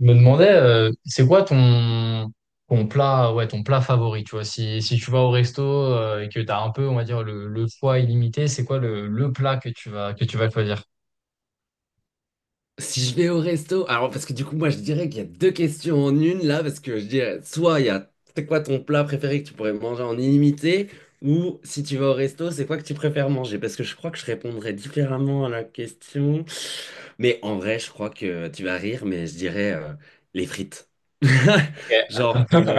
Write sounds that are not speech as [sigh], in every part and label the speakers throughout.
Speaker 1: Je me demandais, c'est quoi ton plat, ouais, ton plat favori, tu vois, si tu vas au resto et que tu as un peu, on va dire, le choix illimité, c'est quoi le plat que tu que tu vas choisir?
Speaker 2: Si je vais au resto, alors parce que du coup, moi je dirais qu'il y a deux questions en une là, parce que je dirais soit il y a c'est quoi ton plat préféré que tu pourrais manger en illimité, ou si tu vas au resto, c'est quoi que tu préfères manger? Parce que je crois que je répondrais différemment à la question. Mais en vrai, je crois que tu vas rire, mais je dirais les frites. [laughs]
Speaker 1: Ok.
Speaker 2: Genre, euh,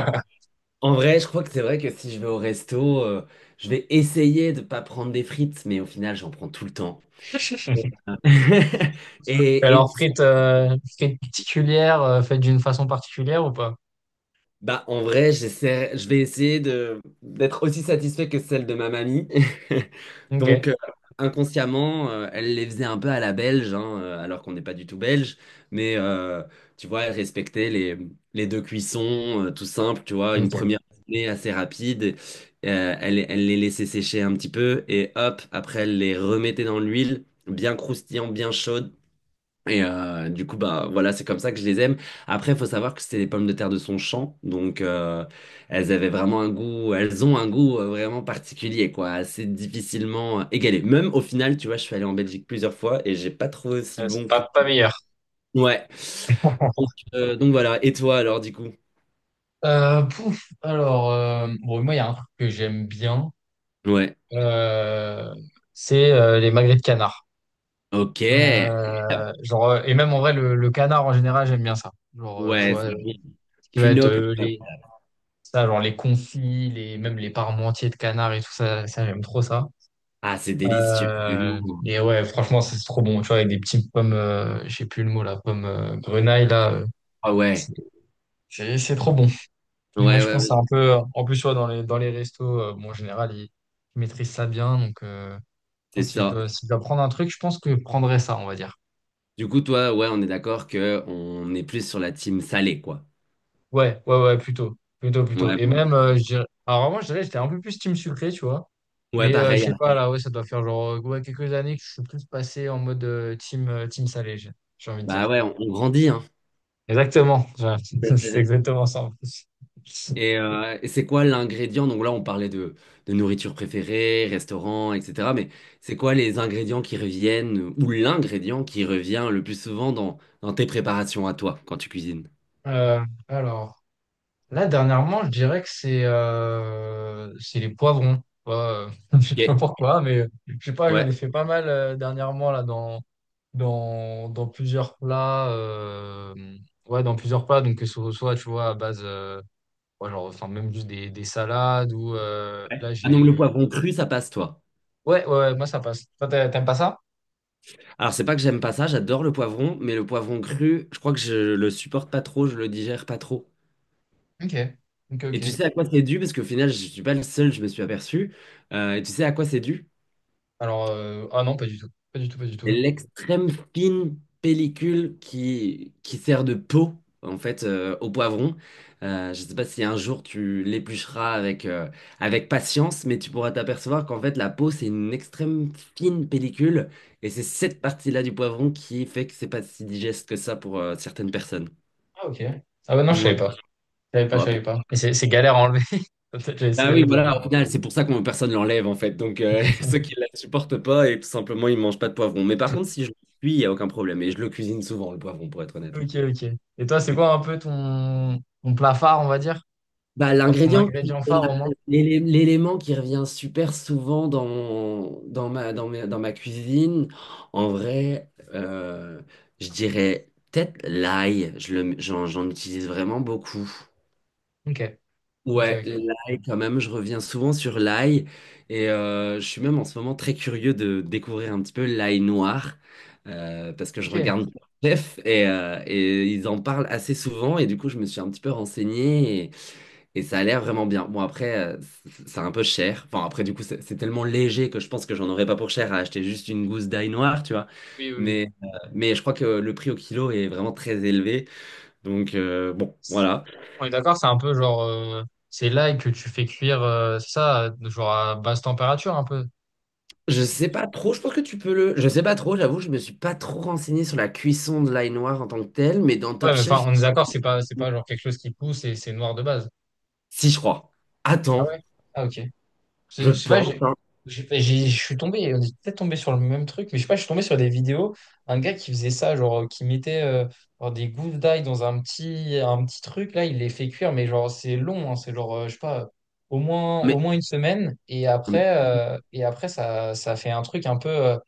Speaker 2: En vrai, je crois que c'est vrai que si je vais au resto, je vais essayer de pas prendre des frites, mais au final, j'en prends tout le temps.
Speaker 1: [laughs]
Speaker 2: [laughs]
Speaker 1: Alors,
Speaker 2: Et,
Speaker 1: frites, frites particulières, faites d'une façon particulière ou pas?
Speaker 2: bah, en vrai, je vais essayer de d'être aussi satisfait que celle de ma mamie. [laughs]
Speaker 1: Ok.
Speaker 2: Donc, inconsciemment, elle les faisait un peu à la belge, hein, alors qu'on n'est pas du tout belge. Mais euh, Tu vois, elle respectait les deux cuissons, tout simple, tu vois, une
Speaker 1: Ok.
Speaker 2: première cuisson assez rapide. Elle les laissait sécher un petit peu et hop, après, elle les remettait dans l'huile, bien croustillant, bien chaude. Et du coup, bah voilà, c'est comme ça que je les aime. Après, il faut savoir que c'était des pommes de terre de son champ, donc elles avaient vraiment un goût, elles ont un goût vraiment particulier, quoi, assez difficilement égalé. Même au final, tu vois, je suis allé en Belgique plusieurs fois et j'ai pas trouvé aussi
Speaker 1: C'est
Speaker 2: bon que.
Speaker 1: pas meilleur.
Speaker 2: Ouais. Donc,
Speaker 1: [laughs]
Speaker 2: donc voilà. Et toi, alors, du coup?
Speaker 1: Bon, moi, il y a un truc que j'aime bien,
Speaker 2: Ouais.
Speaker 1: euh, c'est les magrets de canard.
Speaker 2: Ok.
Speaker 1: Genre, et même en vrai, le canard en général, j'aime bien ça. Genre, tu
Speaker 2: Ouais,
Speaker 1: vois,
Speaker 2: c'est bon.
Speaker 1: ce qui va
Speaker 2: Plus
Speaker 1: être
Speaker 2: noble.
Speaker 1: les, ça, genre les confits, les, même les parmentiers de canard et tout ça, ça j'aime trop ça.
Speaker 2: Ah, c'est délicieux. Vraiment.
Speaker 1: Et ouais, franchement, c'est trop bon, tu vois, avec des petites pommes, je sais plus le mot, là pommes grenaille,
Speaker 2: Ah ouais.
Speaker 1: c'est c'est trop bon. Et ouais,
Speaker 2: Ouais,
Speaker 1: je
Speaker 2: ouais,
Speaker 1: pense que c'est
Speaker 2: ouais,
Speaker 1: un peu, en plus, tu vois, dans les restos, bon, en général, ils maîtrisent ça bien, donc je
Speaker 2: c'est
Speaker 1: pense que si je
Speaker 2: ça.
Speaker 1: si je dois prendre un truc, je pense que je prendrais ça, on va dire.
Speaker 2: Du coup, toi, ouais, on est d'accord que on est plus sur la team salée, quoi.
Speaker 1: Ouais, ouais, ouais, plutôt. Plutôt, plutôt.
Speaker 2: Ouais,
Speaker 1: Et
Speaker 2: bon.
Speaker 1: même, je dirais... Alors avant, je dirais que j'étais un peu plus team sucré, tu vois.
Speaker 2: Ouais,
Speaker 1: Mais je
Speaker 2: pareil,
Speaker 1: sais
Speaker 2: hein.
Speaker 1: pas, là, ouais, ça doit faire genre ouais, quelques années que je suis plus passé en mode team salé, j'ai envie de
Speaker 2: Bah
Speaker 1: dire.
Speaker 2: ouais, on grandit, hein.
Speaker 1: Exactement. Ouais, [laughs] c'est
Speaker 2: [laughs]
Speaker 1: exactement ça en plus.
Speaker 2: Et c'est quoi l'ingrédient? Donc là, on parlait de nourriture préférée, restaurant, etc. Mais c'est quoi les ingrédients qui reviennent ou l'ingrédient qui revient le plus souvent dans, dans tes préparations à toi quand tu cuisines?
Speaker 1: Alors. Là, dernièrement, je dirais que c'est les poivrons. Ouais, euh, [laughs] je sais pas
Speaker 2: Ok.
Speaker 1: pourquoi, mais je sais pas, j'en
Speaker 2: Ouais.
Speaker 1: ai fait pas mal dernièrement là dans plusieurs plats. Ouais, dans plusieurs plats. Donc que ce soit, tu vois, à base, ouais, genre, enfin même juste des salades ou là
Speaker 2: Ah donc le
Speaker 1: j'ai.
Speaker 2: poivron cru, ça passe, toi.
Speaker 1: Ouais, ouais, ouais, moi ça passe. Toi, t'aimes pas ça?
Speaker 2: Alors, c'est pas que j'aime pas ça, j'adore le poivron, mais le poivron cru, je crois que je le supporte pas trop, je le digère pas trop.
Speaker 1: Ok, ok,
Speaker 2: Et
Speaker 1: ok.
Speaker 2: tu sais à quoi c'est dû? Parce qu'au final, je suis pas le seul, je me suis aperçu. Et tu sais à quoi c'est dû?
Speaker 1: Alors, ah non, pas du tout, pas du tout, pas du
Speaker 2: C'est
Speaker 1: tout.
Speaker 2: l'extrême fine pellicule qui sert de peau, en fait, au poivron. Je ne sais pas si un jour tu l'éplucheras avec, avec patience, mais tu pourras t'apercevoir qu'en fait, la peau, c'est une extrême fine pellicule. Et c'est cette partie-là du poivron qui fait que c'est pas si digeste que ça pour certaines personnes.
Speaker 1: Ah ok. Ah bah non, je savais
Speaker 2: Ouais.
Speaker 1: pas, je savais pas,
Speaker 2: On
Speaker 1: je
Speaker 2: va
Speaker 1: savais pas. Et c'est galère à enlever. [laughs] Peut-être j'ai
Speaker 2: Ah
Speaker 1: essayé
Speaker 2: oui,
Speaker 1: de.
Speaker 2: voilà, au final, c'est pour ça que personne ne l'enlève, en fait. Donc, [laughs] ceux qui ne la supportent pas, et tout simplement, ils ne mangent pas de poivron. Mais par contre, si je le cuis, il n'y a aucun problème. Et je le cuisine souvent, le poivron, pour être honnête. Ouais.
Speaker 1: Ok, ok. Et toi, c'est
Speaker 2: Et-
Speaker 1: quoi un peu ton, ton plat phare, on va dire?
Speaker 2: Bah,
Speaker 1: Enfin, ton ingrédient phare au moins?
Speaker 2: l'élément qui revient super souvent dans, dans ma cuisine, en vrai, euh, je dirais peut-être l'ail, j'en utilise vraiment beaucoup.
Speaker 1: Ok, ok,
Speaker 2: Ouais,
Speaker 1: ok.
Speaker 2: l'ail quand même, je reviens souvent sur l'ail et je suis même en ce moment très curieux de découvrir un petit peu l'ail noir, parce que je
Speaker 1: Ok,
Speaker 2: regarde Chef [laughs] et ils en parlent assez souvent et du coup je me suis un petit peu renseigné et ça a l'air vraiment bien. Bon après c'est un peu cher, enfin après du coup c'est tellement léger que je pense que j'en aurais pas pour cher à acheter juste une gousse d'ail noir, tu vois.
Speaker 1: oui, oui, oui.
Speaker 2: Mais, euh, mais je crois que le prix au kilo est vraiment très élevé donc bon
Speaker 1: C'est-
Speaker 2: voilà.
Speaker 1: On est d'accord, c'est un peu genre, c'est l'ail que tu fais cuire, c'est ça, genre à basse température un peu.
Speaker 2: Je
Speaker 1: C'est-
Speaker 2: sais pas trop, je pense que tu peux le. Je sais pas trop, j'avoue, je me suis pas trop renseigné sur la cuisson de l'ail noir en tant que tel, mais dans
Speaker 1: Ouais,
Speaker 2: Top
Speaker 1: mais enfin,
Speaker 2: Chef,
Speaker 1: on est d'accord, c'est pas genre quelque chose qui pousse et c'est noir de base.
Speaker 2: si je crois.
Speaker 1: Ah ouais?
Speaker 2: Attends,
Speaker 1: Ah ok.
Speaker 2: je
Speaker 1: Je sais pas,
Speaker 2: pense, hein.
Speaker 1: je suis tombé, on est peut-être tombé sur le même truc, mais je sais pas, je suis tombé sur des vidéos, un gars qui faisait ça, genre, qui mettait genre des gousses d'ail dans un un petit truc, là, il les fait cuire, mais genre, c'est long, hein, c'est genre, je sais pas,
Speaker 2: Mais,
Speaker 1: au moins une semaine,
Speaker 2: mais-
Speaker 1: et après ça, ça fait un truc un peu,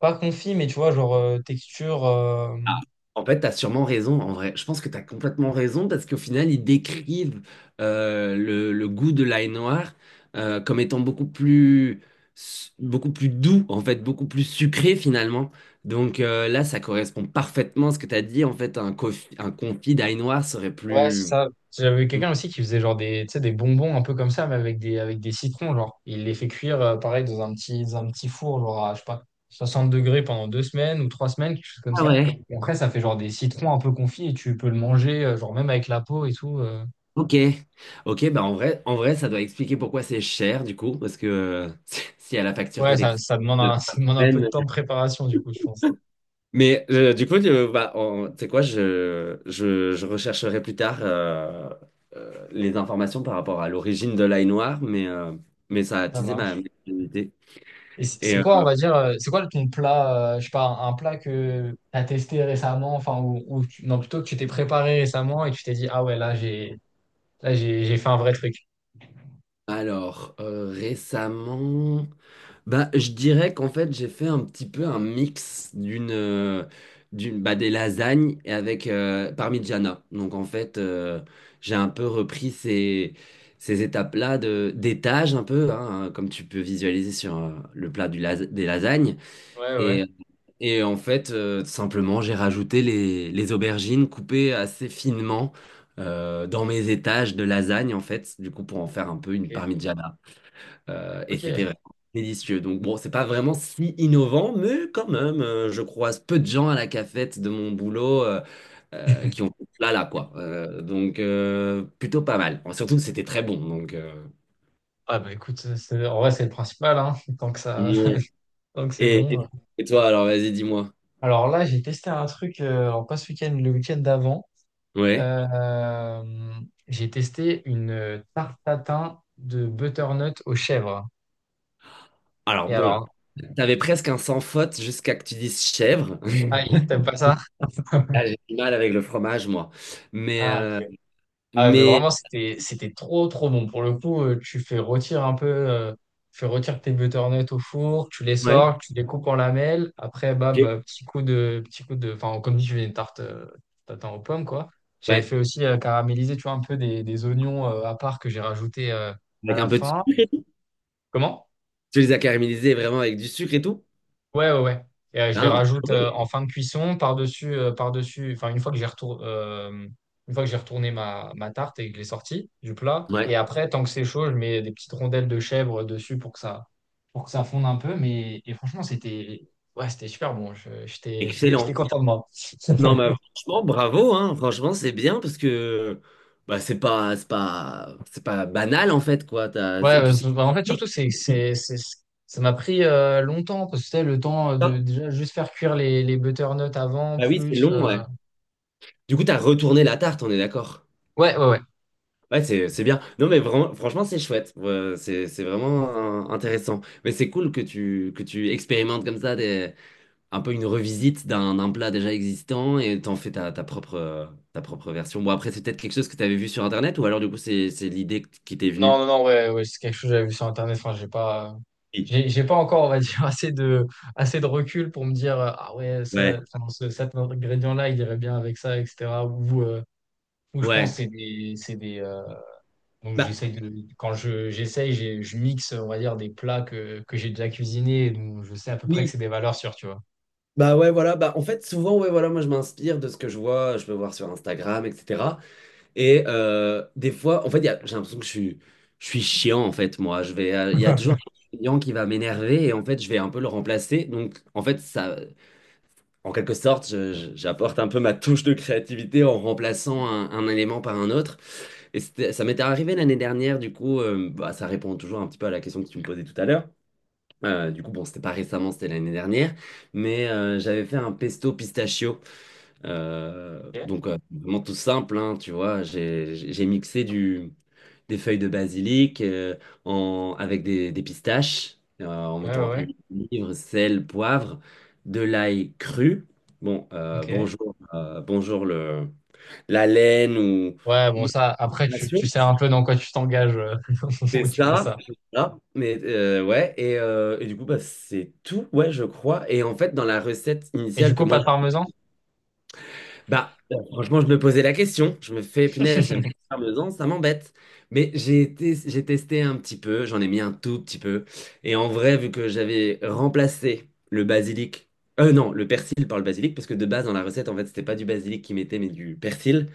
Speaker 1: pas confit, mais tu vois, genre, texture.
Speaker 2: ah, En fait, t'as sûrement raison, en vrai. Je pense que t'as complètement raison parce qu'au final, ils décrivent le goût de l'ail noir comme étant beaucoup plus doux, en fait, beaucoup plus sucré finalement. Donc là, ça correspond parfaitement à ce que t'as dit. En fait, un confit d'ail noir serait
Speaker 1: Ouais, c'est
Speaker 2: plus.
Speaker 1: ça. J'avais quelqu'un aussi qui faisait genre des, tu sais, des bonbons un peu comme ça, mais avec des citrons, genre. Il les fait cuire, pareil, dans un dans un petit four, genre à, je sais pas, 60 degrés pendant deux semaines ou trois semaines, quelque chose comme
Speaker 2: Ah
Speaker 1: ça.
Speaker 2: ouais,
Speaker 1: Et après, ça fait genre des citrons un peu confits et tu peux le manger, genre même avec la peau et tout. Euh.
Speaker 2: ok. Ok, bah en vrai, ça doit expliquer pourquoi c'est cher du coup, parce que [laughs] s'il y a la facture
Speaker 1: Ouais, ça,
Speaker 2: d'électricité
Speaker 1: ça demande
Speaker 2: de
Speaker 1: [laughs]
Speaker 2: la
Speaker 1: ça demande un peu de
Speaker 2: semaine.
Speaker 1: temps de préparation, du coup, je pense.
Speaker 2: Mais du coup, bah, tu sais quoi, je rechercherai plus tard les informations par rapport à l'origine de l'ail noir, mais ça a
Speaker 1: Ça
Speaker 2: attisé ma
Speaker 1: marche.
Speaker 2: curiosité.
Speaker 1: Et
Speaker 2: Et
Speaker 1: c'est quoi, on va dire, c'est quoi ton plat, je sais pas, un plat que t'as testé récemment, enfin, ou, non, plutôt que tu t'es préparé récemment et tu t'es dit, ah ouais, là, j'ai là, j'ai fait un vrai truc.
Speaker 2: récemment. Bah, je dirais qu'en fait, j'ai fait un petit peu un mix des lasagnes et avec parmigiana. Donc en fait, j'ai un peu repris ces étapes-là de d'étage un peu hein, comme tu peux visualiser sur le plat des lasagnes
Speaker 1: Ouais, ouais,
Speaker 2: et et en fait, simplement, j'ai rajouté les aubergines coupées assez finement, dans mes étages de lasagne en fait, du coup pour en faire un peu une
Speaker 1: ok.
Speaker 2: parmigiana. Et c'était
Speaker 1: Ok.
Speaker 2: vraiment délicieux. Donc bon, c'est pas vraiment si innovant, mais quand même, je croise peu de gens à la cafette de mon boulot qui ont là là quoi. Donc plutôt pas mal. Enfin, surtout que c'était très bon. Donc
Speaker 1: Ah bah écoute, c'est- en vrai, c'est le principal, hein, [laughs] tant que ça,
Speaker 2: ouais.
Speaker 1: [laughs] tant que c'est
Speaker 2: Et,
Speaker 1: bon.
Speaker 2: et- et toi alors, vas-y, dis-moi.
Speaker 1: Alors là, j'ai testé un truc, alors pas ce week-end, le week-end d'avant.
Speaker 2: Ouais.
Speaker 1: Euh, j'ai testé une tarte tatin de butternut aux chèvres.
Speaker 2: Alors
Speaker 1: Et
Speaker 2: bon,
Speaker 1: alors,
Speaker 2: t'avais presque un sans faute jusqu'à que tu dises chèvre.
Speaker 1: ah,
Speaker 2: [laughs]
Speaker 1: t'aimes pas ça?
Speaker 2: Là, j'ai du mal avec le fromage, moi. Mais,
Speaker 1: Ah,
Speaker 2: euh,
Speaker 1: ok. Ah ouais, mais
Speaker 2: mais...
Speaker 1: vraiment, c'était trop, trop bon. Pour le coup, tu fais retirer un peu, tu fais retirer tes butternuts au four, tu les
Speaker 2: Ouais.
Speaker 1: sors, tu les coupes en lamelles. Après, bam,
Speaker 2: Ok.
Speaker 1: petit coup petit coup de, enfin, comme dit, je fais une tarte, tatin aux pommes, quoi. J'avais
Speaker 2: Ouais.
Speaker 1: fait aussi caraméliser, tu vois, un peu des oignons à part que j'ai rajouté à
Speaker 2: Avec un
Speaker 1: la
Speaker 2: peu de...
Speaker 1: fin. Comment?
Speaker 2: Tu les as caramélisés vraiment avec du sucre et tout?
Speaker 1: Ouais, ouais, ouais. Et, je les
Speaker 2: Ah, bah,
Speaker 1: rajoute
Speaker 2: oui.
Speaker 1: en fin de cuisson, par-dessus, par-dessus, enfin, une fois que j'ai retour, une fois que j'ai retourné ma, ma tarte et que je l'ai sortie du plat.
Speaker 2: Ouais,
Speaker 1: Et après, tant que c'est chaud, je mets des petites rondelles de chèvre dessus pour que ça fonde un peu. Mais et franchement, c'était ouais, c'était super bon. J'étais [laughs] j'étais
Speaker 2: excellent.
Speaker 1: content de moi.
Speaker 2: Non, mais
Speaker 1: [laughs]
Speaker 2: franchement, bravo, hein. Franchement, c'est bien parce que bah, c'est pas banal en fait, quoi.
Speaker 1: Ouais,
Speaker 2: Et puis
Speaker 1: parce
Speaker 2: c'est
Speaker 1: que, bah, en fait,
Speaker 2: technique,
Speaker 1: surtout, c'est, ça m'a pris longtemps, parce que c'était le temps
Speaker 2: ça.
Speaker 1: de déjà juste faire cuire les butternuts avant,
Speaker 2: Bah oui, c'est
Speaker 1: plus.
Speaker 2: long,
Speaker 1: Euh,
Speaker 2: ouais. Du coup, t'as retourné la tarte, on est d'accord.
Speaker 1: ouais, ouais, ouais.
Speaker 2: Ouais, c'est bien. Non, mais vraiment, franchement, c'est chouette. Ouais, c'est vraiment intéressant. Mais c'est cool que que tu expérimentes comme ça des, un peu une revisite d'un plat déjà existant et t'en fais ta propre version. Bon, après, c'est peut-être quelque chose que t'avais vu sur Internet ou alors, du coup, c'est l'idée qui t'est
Speaker 1: Non,
Speaker 2: venue.
Speaker 1: non, non, ouais, ouais, c'est quelque chose que j'avais vu sur Internet. Enfin, j'ai pas,
Speaker 2: Oui.
Speaker 1: j'ai pas encore, on va dire, [laughs] assez de recul pour me dire, ah ouais, ça,
Speaker 2: Ouais,
Speaker 1: enfin, cet ingrédient-là, il irait bien avec ça, etc. Ou je pense,
Speaker 2: ouais.
Speaker 1: que c'est des, donc
Speaker 2: Bah,
Speaker 1: j'essaye de, quand je, je mixe, on va dire, des plats que j'ai déjà cuisinés, et donc je sais à peu près que
Speaker 2: oui.
Speaker 1: c'est des valeurs sûres, tu vois.
Speaker 2: Bah ouais, voilà. Bah, en fait, souvent, ouais, voilà, moi, je m'inspire de ce que je vois, je peux voir sur Instagram, etc. Et des fois, en fait, j'ai l'impression que je suis chiant, en fait, moi. Je vais, il y a toujours
Speaker 1: [laughs]
Speaker 2: un client qui va m'énerver et en fait, je vais un peu le remplacer. Donc, en fait, ça. En quelque sorte, j'apporte un peu ma touche de créativité en remplaçant un élément par un autre. Ça m'était arrivé l'année dernière, du coup, bah, ça répond toujours un petit peu à la question que tu me posais tout à l'heure. Du coup, bon, c'était pas récemment, c'était l'année dernière, mais j'avais fait un pesto pistachio.
Speaker 1: Ok.
Speaker 2: Donc, vraiment tout simple, hein, tu vois, j'ai mixé des feuilles de basilic, en, avec des pistaches, en
Speaker 1: Ouais, ouais,
Speaker 2: mettant
Speaker 1: ouais.
Speaker 2: huile, livre, sel, poivre, de l'ail cru. Bon,
Speaker 1: Ok.
Speaker 2: bonjour, bonjour la laine
Speaker 1: Ouais,
Speaker 2: ou
Speaker 1: bon,
Speaker 2: même
Speaker 1: ça, après,
Speaker 2: la passion.
Speaker 1: tu sais un peu dans quoi tu t'engages [laughs] au moment
Speaker 2: C'est
Speaker 1: où tu fais
Speaker 2: ça,
Speaker 1: ça.
Speaker 2: c'est ça. Mais ouais, et du coup, bah, c'est tout, ouais, je crois. Et en fait, dans la recette
Speaker 1: Et du
Speaker 2: initiale que
Speaker 1: coup, pas
Speaker 2: moi
Speaker 1: de parmesan?
Speaker 2: bah, franchement, je me posais la question. Je me fais, punaise, j'aime
Speaker 1: [laughs]
Speaker 2: pas faire deux ans, ça m'embête. Mais j'ai été, j'ai testé un petit peu, j'en ai mis un tout petit peu. Et en vrai, vu que j'avais remplacé le basilic, non, le persil par le basilic, parce que de base, dans la recette, en fait, c'était pas du basilic qu'ils mettaient, mais du persil.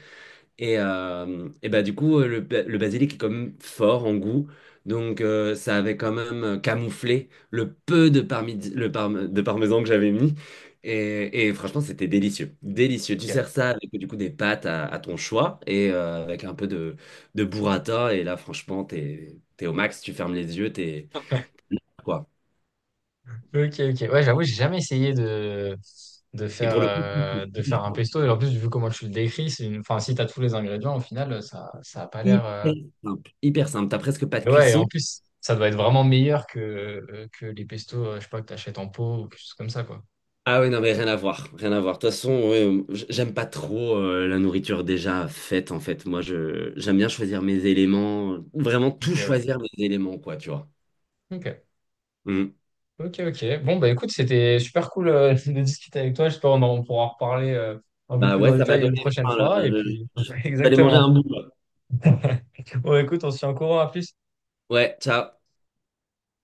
Speaker 2: Et bah, du coup, le basilic est quand même fort en goût. Donc, ça avait quand même camouflé le peu de, parmesan que j'avais mis. Et franchement, c'était délicieux. Délicieux. Tu sers ça avec du coup des pâtes à ton choix et avec un peu de burrata. Et là, franchement, t'es au max, tu fermes les yeux, t'es
Speaker 1: Ok.
Speaker 2: quoi.
Speaker 1: Ok, ok. Ouais, j'avoue, j'ai jamais essayé
Speaker 2: Et pour le coup,
Speaker 1: de faire un pesto.
Speaker 2: [laughs]
Speaker 1: Et en plus, vu comment tu le décris, c'est une... enfin, si t'as tous les ingrédients, au final, ça a pas l'air.
Speaker 2: hyper
Speaker 1: Euh,
Speaker 2: simple. Hyper simple. T'as presque pas de
Speaker 1: et ouais, et
Speaker 2: cuisson.
Speaker 1: en plus, ça doit être vraiment meilleur que les pestos, je sais pas, que t'achètes en pot ou quelque chose comme ça, quoi.
Speaker 2: Ah oui, non, mais rien à voir, rien à voir. De toute façon, ouais, j'aime pas trop la nourriture déjà faite, en fait. Moi, je j'aime bien choisir mes éléments, vraiment
Speaker 1: Ok,
Speaker 2: tout
Speaker 1: ouais.
Speaker 2: choisir mes éléments, quoi, tu vois.
Speaker 1: Ok,
Speaker 2: Mm.
Speaker 1: ok, ok. Bon, bah écoute, c'était super cool [laughs] de discuter avec toi. J'espère qu'on pourra en reparler un peu
Speaker 2: Bah
Speaker 1: plus
Speaker 2: ouais,
Speaker 1: en
Speaker 2: ça m'a
Speaker 1: détail une
Speaker 2: donné
Speaker 1: prochaine
Speaker 2: faim, là.
Speaker 1: fois. Et
Speaker 2: Je vais
Speaker 1: puis, [laughs]
Speaker 2: aller manger
Speaker 1: exactement.
Speaker 2: un bout, là.
Speaker 1: Bon, écoute, on se tient au courant. À plus.
Speaker 2: Ouais, ciao.